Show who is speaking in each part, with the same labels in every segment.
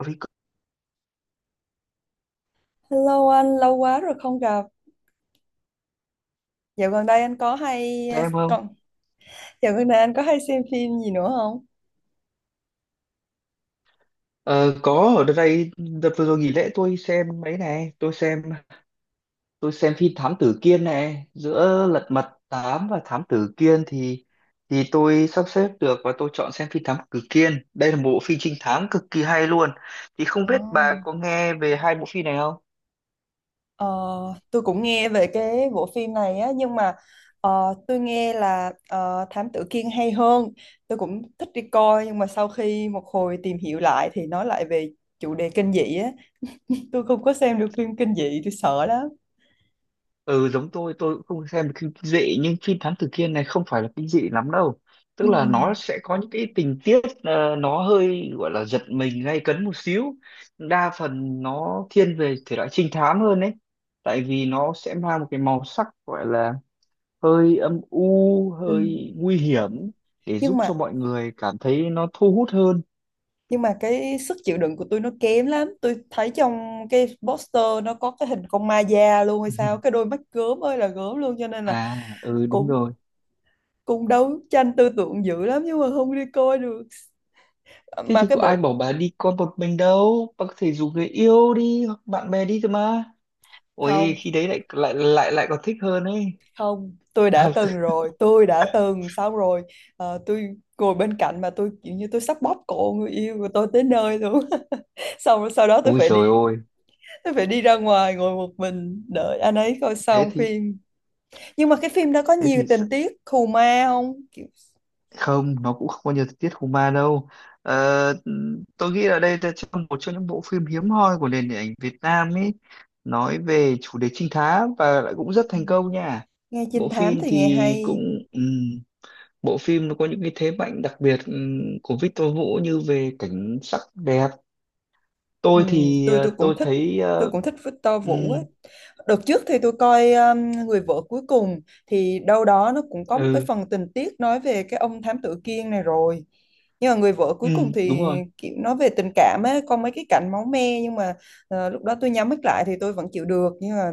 Speaker 1: Record
Speaker 2: Hello anh, lâu quá rồi không gặp. Dạo gần đây anh có hay
Speaker 1: xem không?
Speaker 2: còn dạo gần đây anh có hay xem phim gì nữa không?
Speaker 1: Ờ, có ở đây đợt vừa rồi nghỉ lễ tôi xem mấy này, tôi xem phim Thám Tử Kiên này, giữa Lật Mặt 8 và Thám Tử Kiên thì tôi sắp xếp được và tôi chọn xem phim Thám Tử Kiên. Đây là một bộ phim trinh thám cực kỳ hay luôn. Thì không
Speaker 2: Ồ.
Speaker 1: biết bà có nghe về hai bộ phim này không?
Speaker 2: Ờ, tôi cũng nghe về cái bộ phim này á nhưng mà tôi nghe là Thám Tử Kiên hay hơn. Tôi cũng thích đi coi nhưng mà sau khi một hồi tìm hiểu lại thì nói lại về chủ đề kinh dị á. Tôi không có xem được phim kinh dị, tôi sợ lắm.
Speaker 1: Ừ, giống tôi cũng không xem được kinh dị, nhưng phim Thám Tử Kiên này không phải là kinh dị lắm đâu,
Speaker 2: Ừ.
Speaker 1: tức là nó sẽ có những cái tình tiết nó hơi gọi là giật mình gay cấn một xíu, đa phần nó thiên về thể loại trinh thám hơn đấy, tại vì nó sẽ mang một cái màu sắc gọi là hơi âm u,
Speaker 2: Ừ.
Speaker 1: hơi nguy hiểm để
Speaker 2: Nhưng
Speaker 1: giúp cho
Speaker 2: mà
Speaker 1: mọi người cảm thấy nó thu hút hơn.
Speaker 2: nhưng mà cái sức chịu đựng của tôi nó kém lắm, tôi thấy trong cái poster nó có cái hình con ma da luôn hay sao, cái đôi mắt gớm ơi là gớm luôn cho nên là
Speaker 1: À, ừ, đúng
Speaker 2: cũng
Speaker 1: rồi.
Speaker 2: cũng đấu tranh tư tưởng dữ lắm nhưng mà không đi coi được,
Speaker 1: Thế
Speaker 2: mà
Speaker 1: thì
Speaker 2: cái
Speaker 1: có ai
Speaker 2: bộ
Speaker 1: bảo bà đi con một mình đâu, bà có thể rủ người yêu đi hoặc bạn bè đi cơ mà, ôi
Speaker 2: không,
Speaker 1: khi đấy lại lại lại lại còn thích hơn ấy.
Speaker 2: không, tôi đã
Speaker 1: À,
Speaker 2: từng
Speaker 1: c-
Speaker 2: rồi, tôi đã từng xong rồi. Tôi ngồi bên cạnh mà tôi kiểu như tôi sắp bóp cổ người yêu của tôi tới nơi luôn. Xong rồi sau đó tôi
Speaker 1: ôi
Speaker 2: phải
Speaker 1: trời
Speaker 2: đi
Speaker 1: ơi.
Speaker 2: tôi phải đi ra ngoài ngồi một mình đợi anh ấy coi
Speaker 1: Thế
Speaker 2: xong
Speaker 1: thì
Speaker 2: phim. Nhưng mà cái phim đó có
Speaker 1: thế
Speaker 2: nhiều
Speaker 1: thì s-
Speaker 2: tình tiết khù ma không? Kiểu...
Speaker 1: không, nó cũng không có nhiều tình tiết hùng ma đâu. Ờ, tôi nghĩ là đây là trong một trong những bộ phim hiếm hoi của nền điện ảnh Việt Nam ấy, nói về chủ đề trinh thám và lại cũng rất
Speaker 2: Ừ.
Speaker 1: thành công nha.
Speaker 2: Nghe trinh
Speaker 1: Bộ
Speaker 2: thám
Speaker 1: phim
Speaker 2: thì nghe
Speaker 1: thì
Speaker 2: hay.
Speaker 1: cũng bộ phim nó có những cái thế mạnh đặc biệt của Victor Vũ như về cảnh sắc đẹp.
Speaker 2: Ừ,
Speaker 1: Tôi thì
Speaker 2: tôi
Speaker 1: tôi
Speaker 2: cũng thích
Speaker 1: thấy
Speaker 2: tôi cũng thích Victor Vũ
Speaker 1: ừm,
Speaker 2: á. Đợt trước thì tôi coi Người vợ cuối cùng, thì đâu đó nó cũng có một cái
Speaker 1: ừ,
Speaker 2: phần tình tiết nói về cái ông thám tử Kiên này rồi. Nhưng mà Người vợ
Speaker 1: ừ,
Speaker 2: cuối cùng thì
Speaker 1: đúng rồi.
Speaker 2: kiểu nói về tình cảm ấy, có mấy cái cảnh máu me nhưng mà lúc đó tôi nhắm mắt lại thì tôi vẫn chịu được, nhưng mà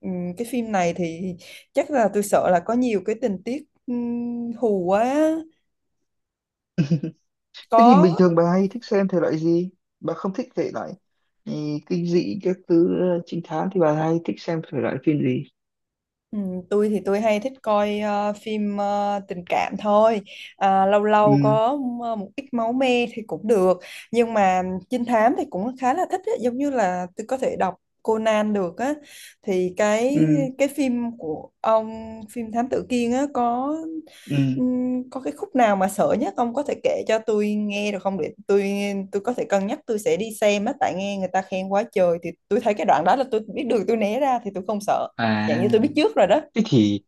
Speaker 2: cái phim này thì chắc là tôi sợ là có nhiều cái tình tiết hù quá.
Speaker 1: Thế thì bình
Speaker 2: Có.
Speaker 1: thường bà hay thích xem thể loại gì? Bà không thích thể loại, ừ, kinh dị các thứ, trinh thám thì bà hay thích xem thể loại phim gì?
Speaker 2: Ừ, tôi thì tôi hay thích coi phim tình cảm thôi. À, lâu lâu
Speaker 1: Ừ,
Speaker 2: có một ít máu me thì cũng được, nhưng mà trinh thám thì cũng khá là thích ấy. Giống như là tôi có thể đọc Conan được á, thì cái
Speaker 1: ừ,
Speaker 2: cái phim của ông phim Thám Tử Kiên á
Speaker 1: ừ.
Speaker 2: có cái khúc nào mà sợ nhất ông có thể kể cho tôi nghe được không, để tôi có thể cân nhắc, tôi sẽ đi xem á tại nghe người ta khen quá trời, thì tôi thấy cái đoạn đó là tôi biết đường tôi né ra thì tôi không sợ.
Speaker 1: À,
Speaker 2: Dạng như tôi biết trước rồi đó.
Speaker 1: thế thì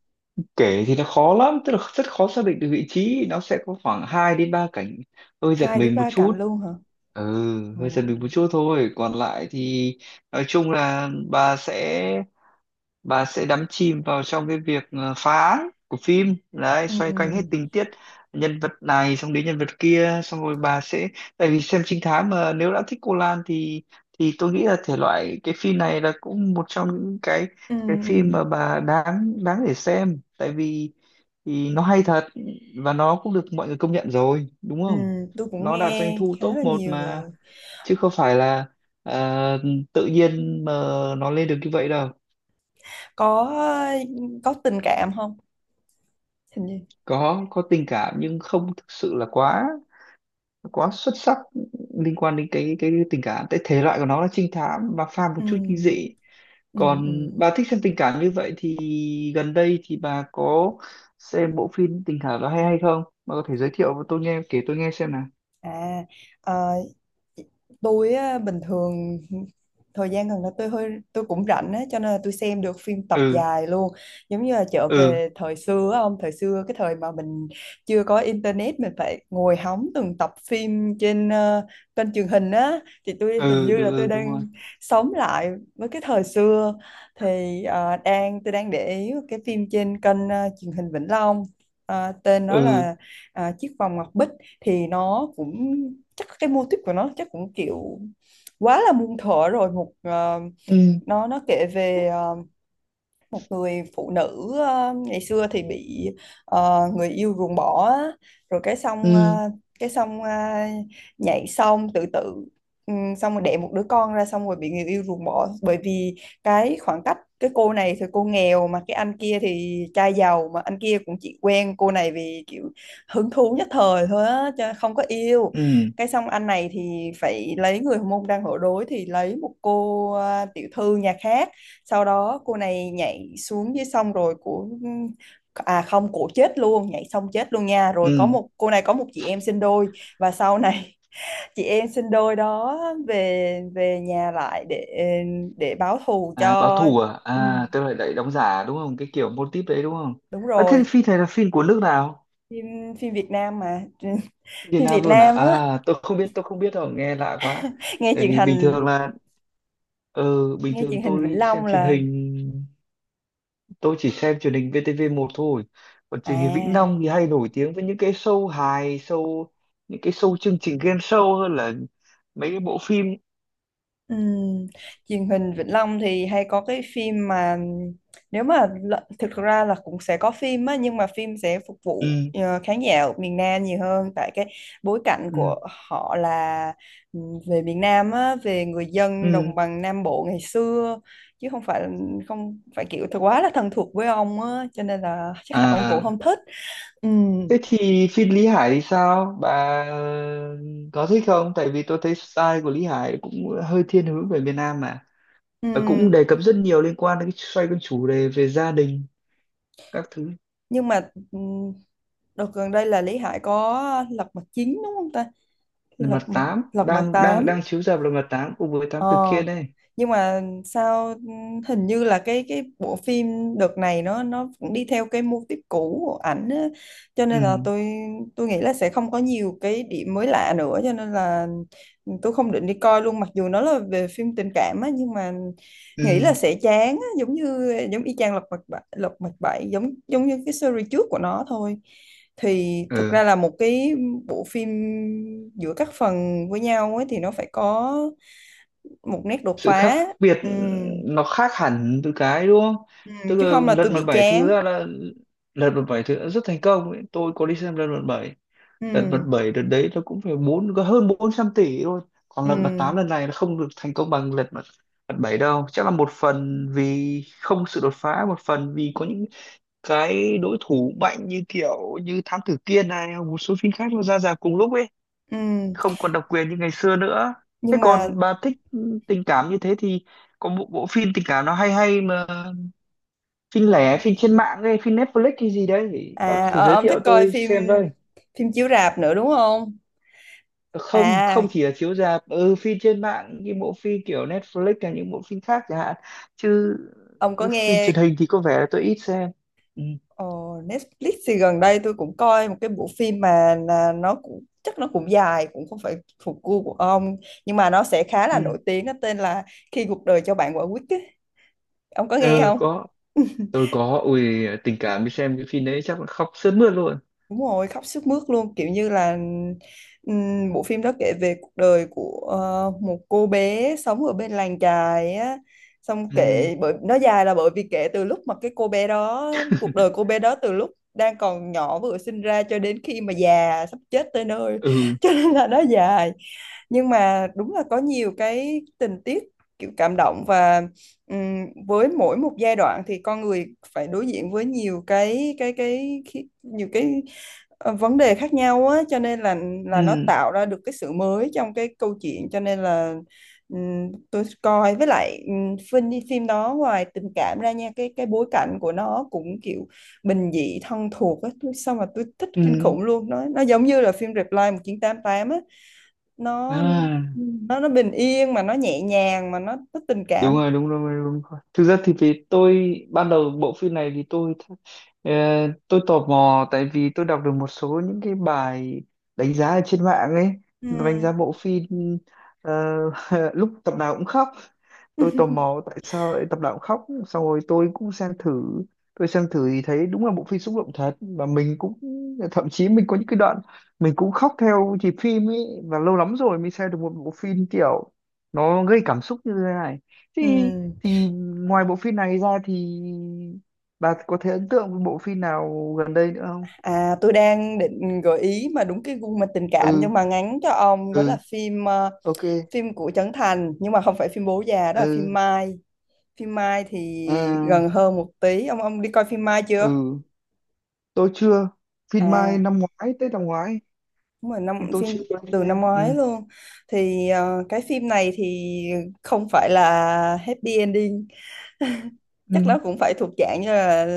Speaker 1: kể thì nó khó lắm, tức là rất khó xác định được vị trí, nó sẽ có khoảng 2 đến 3 cảnh hơi giật
Speaker 2: Hai đến
Speaker 1: mình một
Speaker 2: ba cạnh
Speaker 1: chút.
Speaker 2: luôn hả?
Speaker 1: Ừ,
Speaker 2: Ồ.
Speaker 1: hơi giật mình một chút thôi, còn lại thì nói chung là bà sẽ đắm chìm vào trong cái việc phá án của phim đấy,
Speaker 2: Ừ.
Speaker 1: xoay quanh hết tình tiết nhân vật này xong đến nhân vật kia, xong rồi bà sẽ, tại vì xem trinh thám mà nếu đã thích cô lan thì tôi nghĩ là thể loại cái phim này là cũng một trong những cái
Speaker 2: Ừ.
Speaker 1: cái phim mà
Speaker 2: Ừ.
Speaker 1: bà đáng đáng để xem, tại vì thì nó hay thật và nó cũng được mọi người công nhận rồi, đúng
Speaker 2: Ừ.
Speaker 1: không?
Speaker 2: Tôi cũng
Speaker 1: Nó đạt doanh
Speaker 2: nghe
Speaker 1: thu
Speaker 2: khá
Speaker 1: top
Speaker 2: là
Speaker 1: một
Speaker 2: nhiều
Speaker 1: mà,
Speaker 2: rồi.
Speaker 1: chứ không phải là ờ, tự nhiên mà nó lên được như vậy đâu.
Speaker 2: Có có tình cảm không? Hình như.
Speaker 1: Có tình cảm nhưng không thực sự là quá quá xuất sắc liên quan đến cái tình cảm, tại thể loại của nó là trinh thám và pha một
Speaker 2: Ừ.
Speaker 1: chút kinh dị.
Speaker 2: Ừ. Ừ.
Speaker 1: Còn bà thích xem tình cảm như vậy thì gần đây thì bà có xem bộ phim tình cảm đó hay hay không, bà có thể giới thiệu và tôi nghe kể, tôi nghe xem nào.
Speaker 2: À, ờ, tôi á, bình thường thời gian gần đây tôi cũng rảnh á cho nên là tôi xem được phim tập
Speaker 1: Ừ,
Speaker 2: dài luôn, giống như là trở
Speaker 1: ừ,
Speaker 2: về thời xưa á, ông thời xưa cái thời mà mình chưa có internet, mình phải ngồi hóng từng tập phim trên kênh truyền hình á. Thì tôi hình
Speaker 1: ừ,
Speaker 2: như là
Speaker 1: đúng,
Speaker 2: tôi
Speaker 1: ừ, đúng rồi.
Speaker 2: đang sống lại với cái thời xưa, thì ờ, đang tôi đang để ý cái phim trên kênh truyền hình Vĩnh Long. Tên nó
Speaker 1: Ừ,
Speaker 2: là Chiếc vòng ngọc bích, thì nó cũng chắc cái mô típ của nó chắc cũng kiểu quá là muôn thuở rồi, một
Speaker 1: ừ,
Speaker 2: nó kể về một người phụ nữ ngày xưa thì bị người yêu ruồng bỏ á. Rồi
Speaker 1: ừ,
Speaker 2: cái xong ờ, nhảy xong tự tử, xong rồi đẻ một đứa con ra, xong rồi bị người yêu ruồng bỏ bởi vì cái khoảng cách, cái cô này thì cô nghèo mà cái anh kia thì trai giàu, mà anh kia cũng chỉ quen cô này vì kiểu hứng thú nhất thời thôi á chứ không có yêu.
Speaker 1: ừ,
Speaker 2: Cái xong anh này thì phải lấy người hormone đang ở đối, thì lấy một cô tiểu thư nhà khác. Sau đó cô này nhảy xuống dưới sông rồi à không, cổ chết luôn, nhảy xong chết luôn nha. Rồi có
Speaker 1: ừ.
Speaker 2: một cô này có một chị em sinh đôi, và sau này chị em sinh đôi đó về về nhà lại để báo thù
Speaker 1: À, báo
Speaker 2: cho.
Speaker 1: thù à,
Speaker 2: Ừ,
Speaker 1: à tức là lại đóng giả đúng không, cái kiểu mô típ đấy đúng không?
Speaker 2: đúng
Speaker 1: À, thế
Speaker 2: rồi,
Speaker 1: phim này là phim của nước nào?
Speaker 2: phim phim Việt Nam mà.
Speaker 1: Việt
Speaker 2: Phim Việt
Speaker 1: Nam luôn à?
Speaker 2: Nam á,
Speaker 1: À, tôi không biết đâu, nghe lạ quá.
Speaker 2: nghe
Speaker 1: Tại
Speaker 2: truyền
Speaker 1: vì bình
Speaker 2: hình
Speaker 1: thường là, ờ, bình
Speaker 2: nghe
Speaker 1: thường
Speaker 2: truyền hình Vĩnh
Speaker 1: tôi xem
Speaker 2: Long
Speaker 1: truyền
Speaker 2: là.
Speaker 1: hình, tôi chỉ xem truyền hình VTV1 thôi. Còn truyền hình Vĩnh
Speaker 2: à
Speaker 1: Long thì hay nổi tiếng với những cái show hài, show, những cái show chương trình game show hơn là mấy cái bộ phim.
Speaker 2: Ừm, Truyền hình Vĩnh Long thì hay có cái phim mà nếu mà thực ra là cũng sẽ có phim á, nhưng mà phim sẽ phục vụ
Speaker 1: Ừ,
Speaker 2: khán giả ở miền Nam nhiều hơn tại cái bối cảnh của
Speaker 1: ừ,
Speaker 2: họ là về miền Nam á, về người dân đồng
Speaker 1: ừ.
Speaker 2: bằng Nam Bộ ngày xưa, chứ không phải kiểu thật quá là thân thuộc với ông á cho nên là chắc là ông cũng
Speaker 1: À,
Speaker 2: không thích. Ừm.
Speaker 1: thế thì phim Lý Hải thì sao? Bà có thích không? Tại vì tôi thấy style của Lý Hải cũng hơi thiên hướng về miền Nam mà, và cũng
Speaker 2: Ừm.
Speaker 1: đề cập rất nhiều liên quan đến cái xoay con chủ đề về gia đình các thứ.
Speaker 2: Nhưng mà đợt gần đây là Lý Hải có lật mặt 9 đúng không ta,
Speaker 1: Là
Speaker 2: lật
Speaker 1: mặt
Speaker 2: mặt
Speaker 1: tám
Speaker 2: lật mặt
Speaker 1: đang đang
Speaker 2: tám.
Speaker 1: đang chiếu rạp, là mặt tám cùng với tám
Speaker 2: Ờ,
Speaker 1: tử kiên đây.
Speaker 2: nhưng mà sao hình như là cái bộ phim đợt này nó cũng đi theo cái mô típ cũ của ảnh á. Cho
Speaker 1: Ừ,
Speaker 2: nên là tôi nghĩ là sẽ không có nhiều cái điểm mới lạ nữa, cho nên là tôi không định đi coi luôn, mặc dù nó là về phim tình cảm á nhưng mà nghĩ
Speaker 1: ừ,
Speaker 2: là sẽ chán á, giống y chang Lật Mặt Bảy. Lật Mặt Bảy giống giống như cái series trước của nó thôi. Thì thực
Speaker 1: ừ,
Speaker 2: ra là một cái bộ phim giữa các phần với nhau ấy thì nó phải có một nét đột
Speaker 1: sự
Speaker 2: phá.
Speaker 1: khác biệt,
Speaker 2: Ừm.
Speaker 1: nó khác hẳn từ cái đúng không, tức
Speaker 2: Chứ không
Speaker 1: là
Speaker 2: là
Speaker 1: lật
Speaker 2: tôi
Speaker 1: mặt
Speaker 2: bị
Speaker 1: bảy thứ
Speaker 2: chán.
Speaker 1: ra là lật mặt bảy thứ đã rất thành công ấy. Tôi có đi xem lật mặt bảy, lật mặt
Speaker 2: Ừm.
Speaker 1: bảy đợt đấy nó cũng phải bốn, có hơn 400 tỷ thôi. Còn lật mặt tám
Speaker 2: Ừm.
Speaker 1: lần này nó không được thành công bằng lật mặt mặt bảy đâu, chắc là một phần vì không sự đột phá, một phần vì có những cái đối thủ mạnh như kiểu như Thám Tử Kiên này hoặc một số phim khác nó ra rạp cùng lúc ấy,
Speaker 2: Ừm.
Speaker 1: không còn độc quyền như ngày xưa nữa. Thế
Speaker 2: Nhưng mà
Speaker 1: còn bà thích tình cảm như thế thì có một bộ phim tình cảm nó hay hay mà phim lẻ, phim trên mạng hay phim Netflix hay gì đấy, bà có thể giới
Speaker 2: ông thích
Speaker 1: thiệu
Speaker 2: coi
Speaker 1: tôi
Speaker 2: phim
Speaker 1: xem với?
Speaker 2: phim chiếu rạp nữa đúng không?
Speaker 1: Không, không
Speaker 2: à
Speaker 1: chỉ là chiếu rạp, ừ phim trên mạng như bộ phim kiểu Netflix hay những bộ phim khác chẳng hạn. Chứ
Speaker 2: ông có
Speaker 1: phim
Speaker 2: nghe
Speaker 1: truyền hình thì có vẻ là tôi ít xem. Ừ,
Speaker 2: ờ, Netflix thì gần đây tôi cũng coi một cái bộ phim, mà là nó cũng chắc nó cũng dài, cũng không phải thuộc gu của ông, nhưng mà nó sẽ khá là
Speaker 1: ừ,
Speaker 2: nổi tiếng, nó tên là Khi cuộc đời cho bạn quả quýt ấy. Ông có nghe
Speaker 1: ừ,
Speaker 2: không?
Speaker 1: có, tôi có ui, tình cảm đi xem cái phim đấy chắc là khóc sướt mướt luôn.
Speaker 2: Đúng rồi, khóc sướt mướt luôn, kiểu như là bộ phim đó kể về cuộc đời của một cô bé sống ở bên làng chài á. Xong
Speaker 1: Ừ.
Speaker 2: kể bởi nó dài là bởi vì kể từ lúc mà cái cô bé đó, cuộc đời cô bé đó từ lúc đang còn nhỏ vừa sinh ra cho đến khi mà già sắp chết tới nơi.
Speaker 1: Ừ,
Speaker 2: Cho nên là nó dài. Nhưng mà đúng là có nhiều cái tình tiết kiểu cảm động, và với mỗi một giai đoạn thì con người phải đối diện với nhiều cái vấn đề khác nhau á cho nên là nó
Speaker 1: ừ,
Speaker 2: tạo ra được cái sự mới trong cái câu chuyện, cho nên là tôi coi. Với lại phim phim đó ngoài tình cảm ra nha, cái bối cảnh của nó cũng kiểu bình dị thân thuộc á, tôi xong mà tôi thích kinh
Speaker 1: ừ,
Speaker 2: khủng luôn, nó giống như là phim Reply 1988 á, nó.
Speaker 1: à
Speaker 2: Ừ. nó bình yên mà nó nhẹ nhàng mà nó tình
Speaker 1: đúng
Speaker 2: cảm.
Speaker 1: rồi, đúng rồi, đúng rồi, thực ra thì vì tôi ban đầu bộ phim này thì tôi ờ, tôi tò mò tại vì tôi đọc được một số những cái bài đánh giá ở trên mạng ấy,
Speaker 2: Ừ.
Speaker 1: đánh giá bộ phim, ờ, lúc tập nào cũng khóc, tôi tò mò tại sao lại tập đạo khóc, xong rồi tôi cũng xem thử. Tôi xem thử thì thấy đúng là bộ phim xúc động thật và mình cũng thậm chí mình có những cái đoạn mình cũng khóc theo nhịp phim ấy, và lâu lắm rồi mới xem được một bộ phim kiểu nó gây cảm xúc như thế này,
Speaker 2: Ừ.
Speaker 1: thì thì ngoài bộ phim này ra thì bà có thể ấn tượng với bộ phim nào gần đây nữa không?
Speaker 2: À, tôi đang định gợi ý mà đúng cái gu mà tình cảm
Speaker 1: Ừ,
Speaker 2: nhưng mà ngắn cho ông, đó là
Speaker 1: ừ, ok,
Speaker 2: phim của Trấn Thành, nhưng mà không phải phim Bố già, đó là
Speaker 1: ừ.
Speaker 2: phim Mai. Phim Mai thì
Speaker 1: À,
Speaker 2: gần hơn một tí. Ông đi coi phim Mai chưa?
Speaker 1: ừ tôi chưa, phim Mai
Speaker 2: À,
Speaker 1: năm ngoái, Tết năm ngoái,
Speaker 2: đúng rồi,
Speaker 1: nhưng
Speaker 2: năm
Speaker 1: tôi
Speaker 2: phim
Speaker 1: chưa quen
Speaker 2: từ năm
Speaker 1: game.
Speaker 2: ngoái
Speaker 1: Ừ,
Speaker 2: luôn. Thì cái phim này thì không phải là happy ending,
Speaker 1: ừ,
Speaker 2: chắc nó cũng phải thuộc dạng như là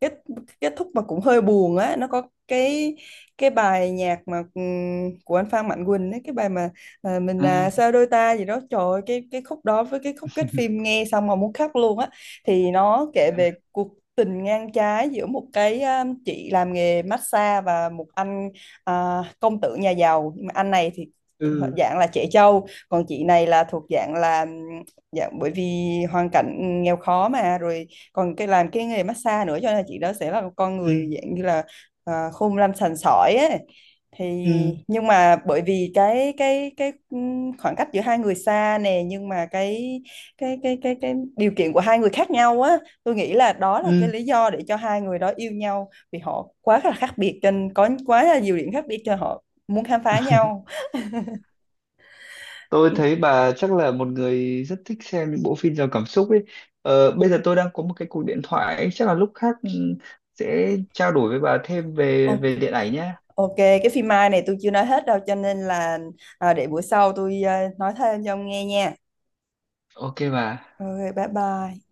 Speaker 2: kết kết thúc mà cũng hơi buồn á, nó có cái cái bài nhạc mà của anh Phan Mạnh Quỳnh ấy, cái bài mà mình,
Speaker 1: à,
Speaker 2: sao đôi ta gì đó trời ơi, cái khúc đó với cái khúc kết phim nghe xong mà muốn khóc luôn á. Thì nó kể
Speaker 1: thế
Speaker 2: về
Speaker 1: à?
Speaker 2: cuộc tình ngang trái giữa một cái chị làm nghề massage và một anh công tử nhà giàu. Nhưng mà anh này thì họ
Speaker 1: Ừ,
Speaker 2: dạng là trẻ trâu, còn chị này là thuộc dạng là Dạ, bởi vì hoàn cảnh nghèo khó mà rồi còn cái làm cái nghề massage nữa, cho nên là chị đó sẽ là một con người
Speaker 1: ừ,
Speaker 2: dạng như là khôn lanh sành sỏi ấy. Thì
Speaker 1: ừ,
Speaker 2: nhưng mà bởi vì cái khoảng cách giữa hai người xa nè, nhưng mà cái điều kiện của hai người khác nhau á, tôi nghĩ là đó là cái
Speaker 1: ừ
Speaker 2: lý do để cho hai người đó yêu nhau, vì họ quá là khác biệt cho nên có quá là nhiều điểm khác biệt cho họ muốn khám phá nhau.
Speaker 1: tôi thấy bà chắc là một người rất thích xem những bộ phim giàu cảm xúc ấy. Ờ, bây giờ tôi đang có một cái cuộc điện thoại ấy, chắc là lúc khác, ừ, sẽ trao đổi với bà thêm
Speaker 2: Ừ.
Speaker 1: về về điện ảnh nhé.
Speaker 2: OK, cái phim Mai này tôi chưa nói hết đâu cho nên là để bữa sau tôi nói thêm cho ông nghe nha.
Speaker 1: Ok bà.
Speaker 2: OK, bye bye.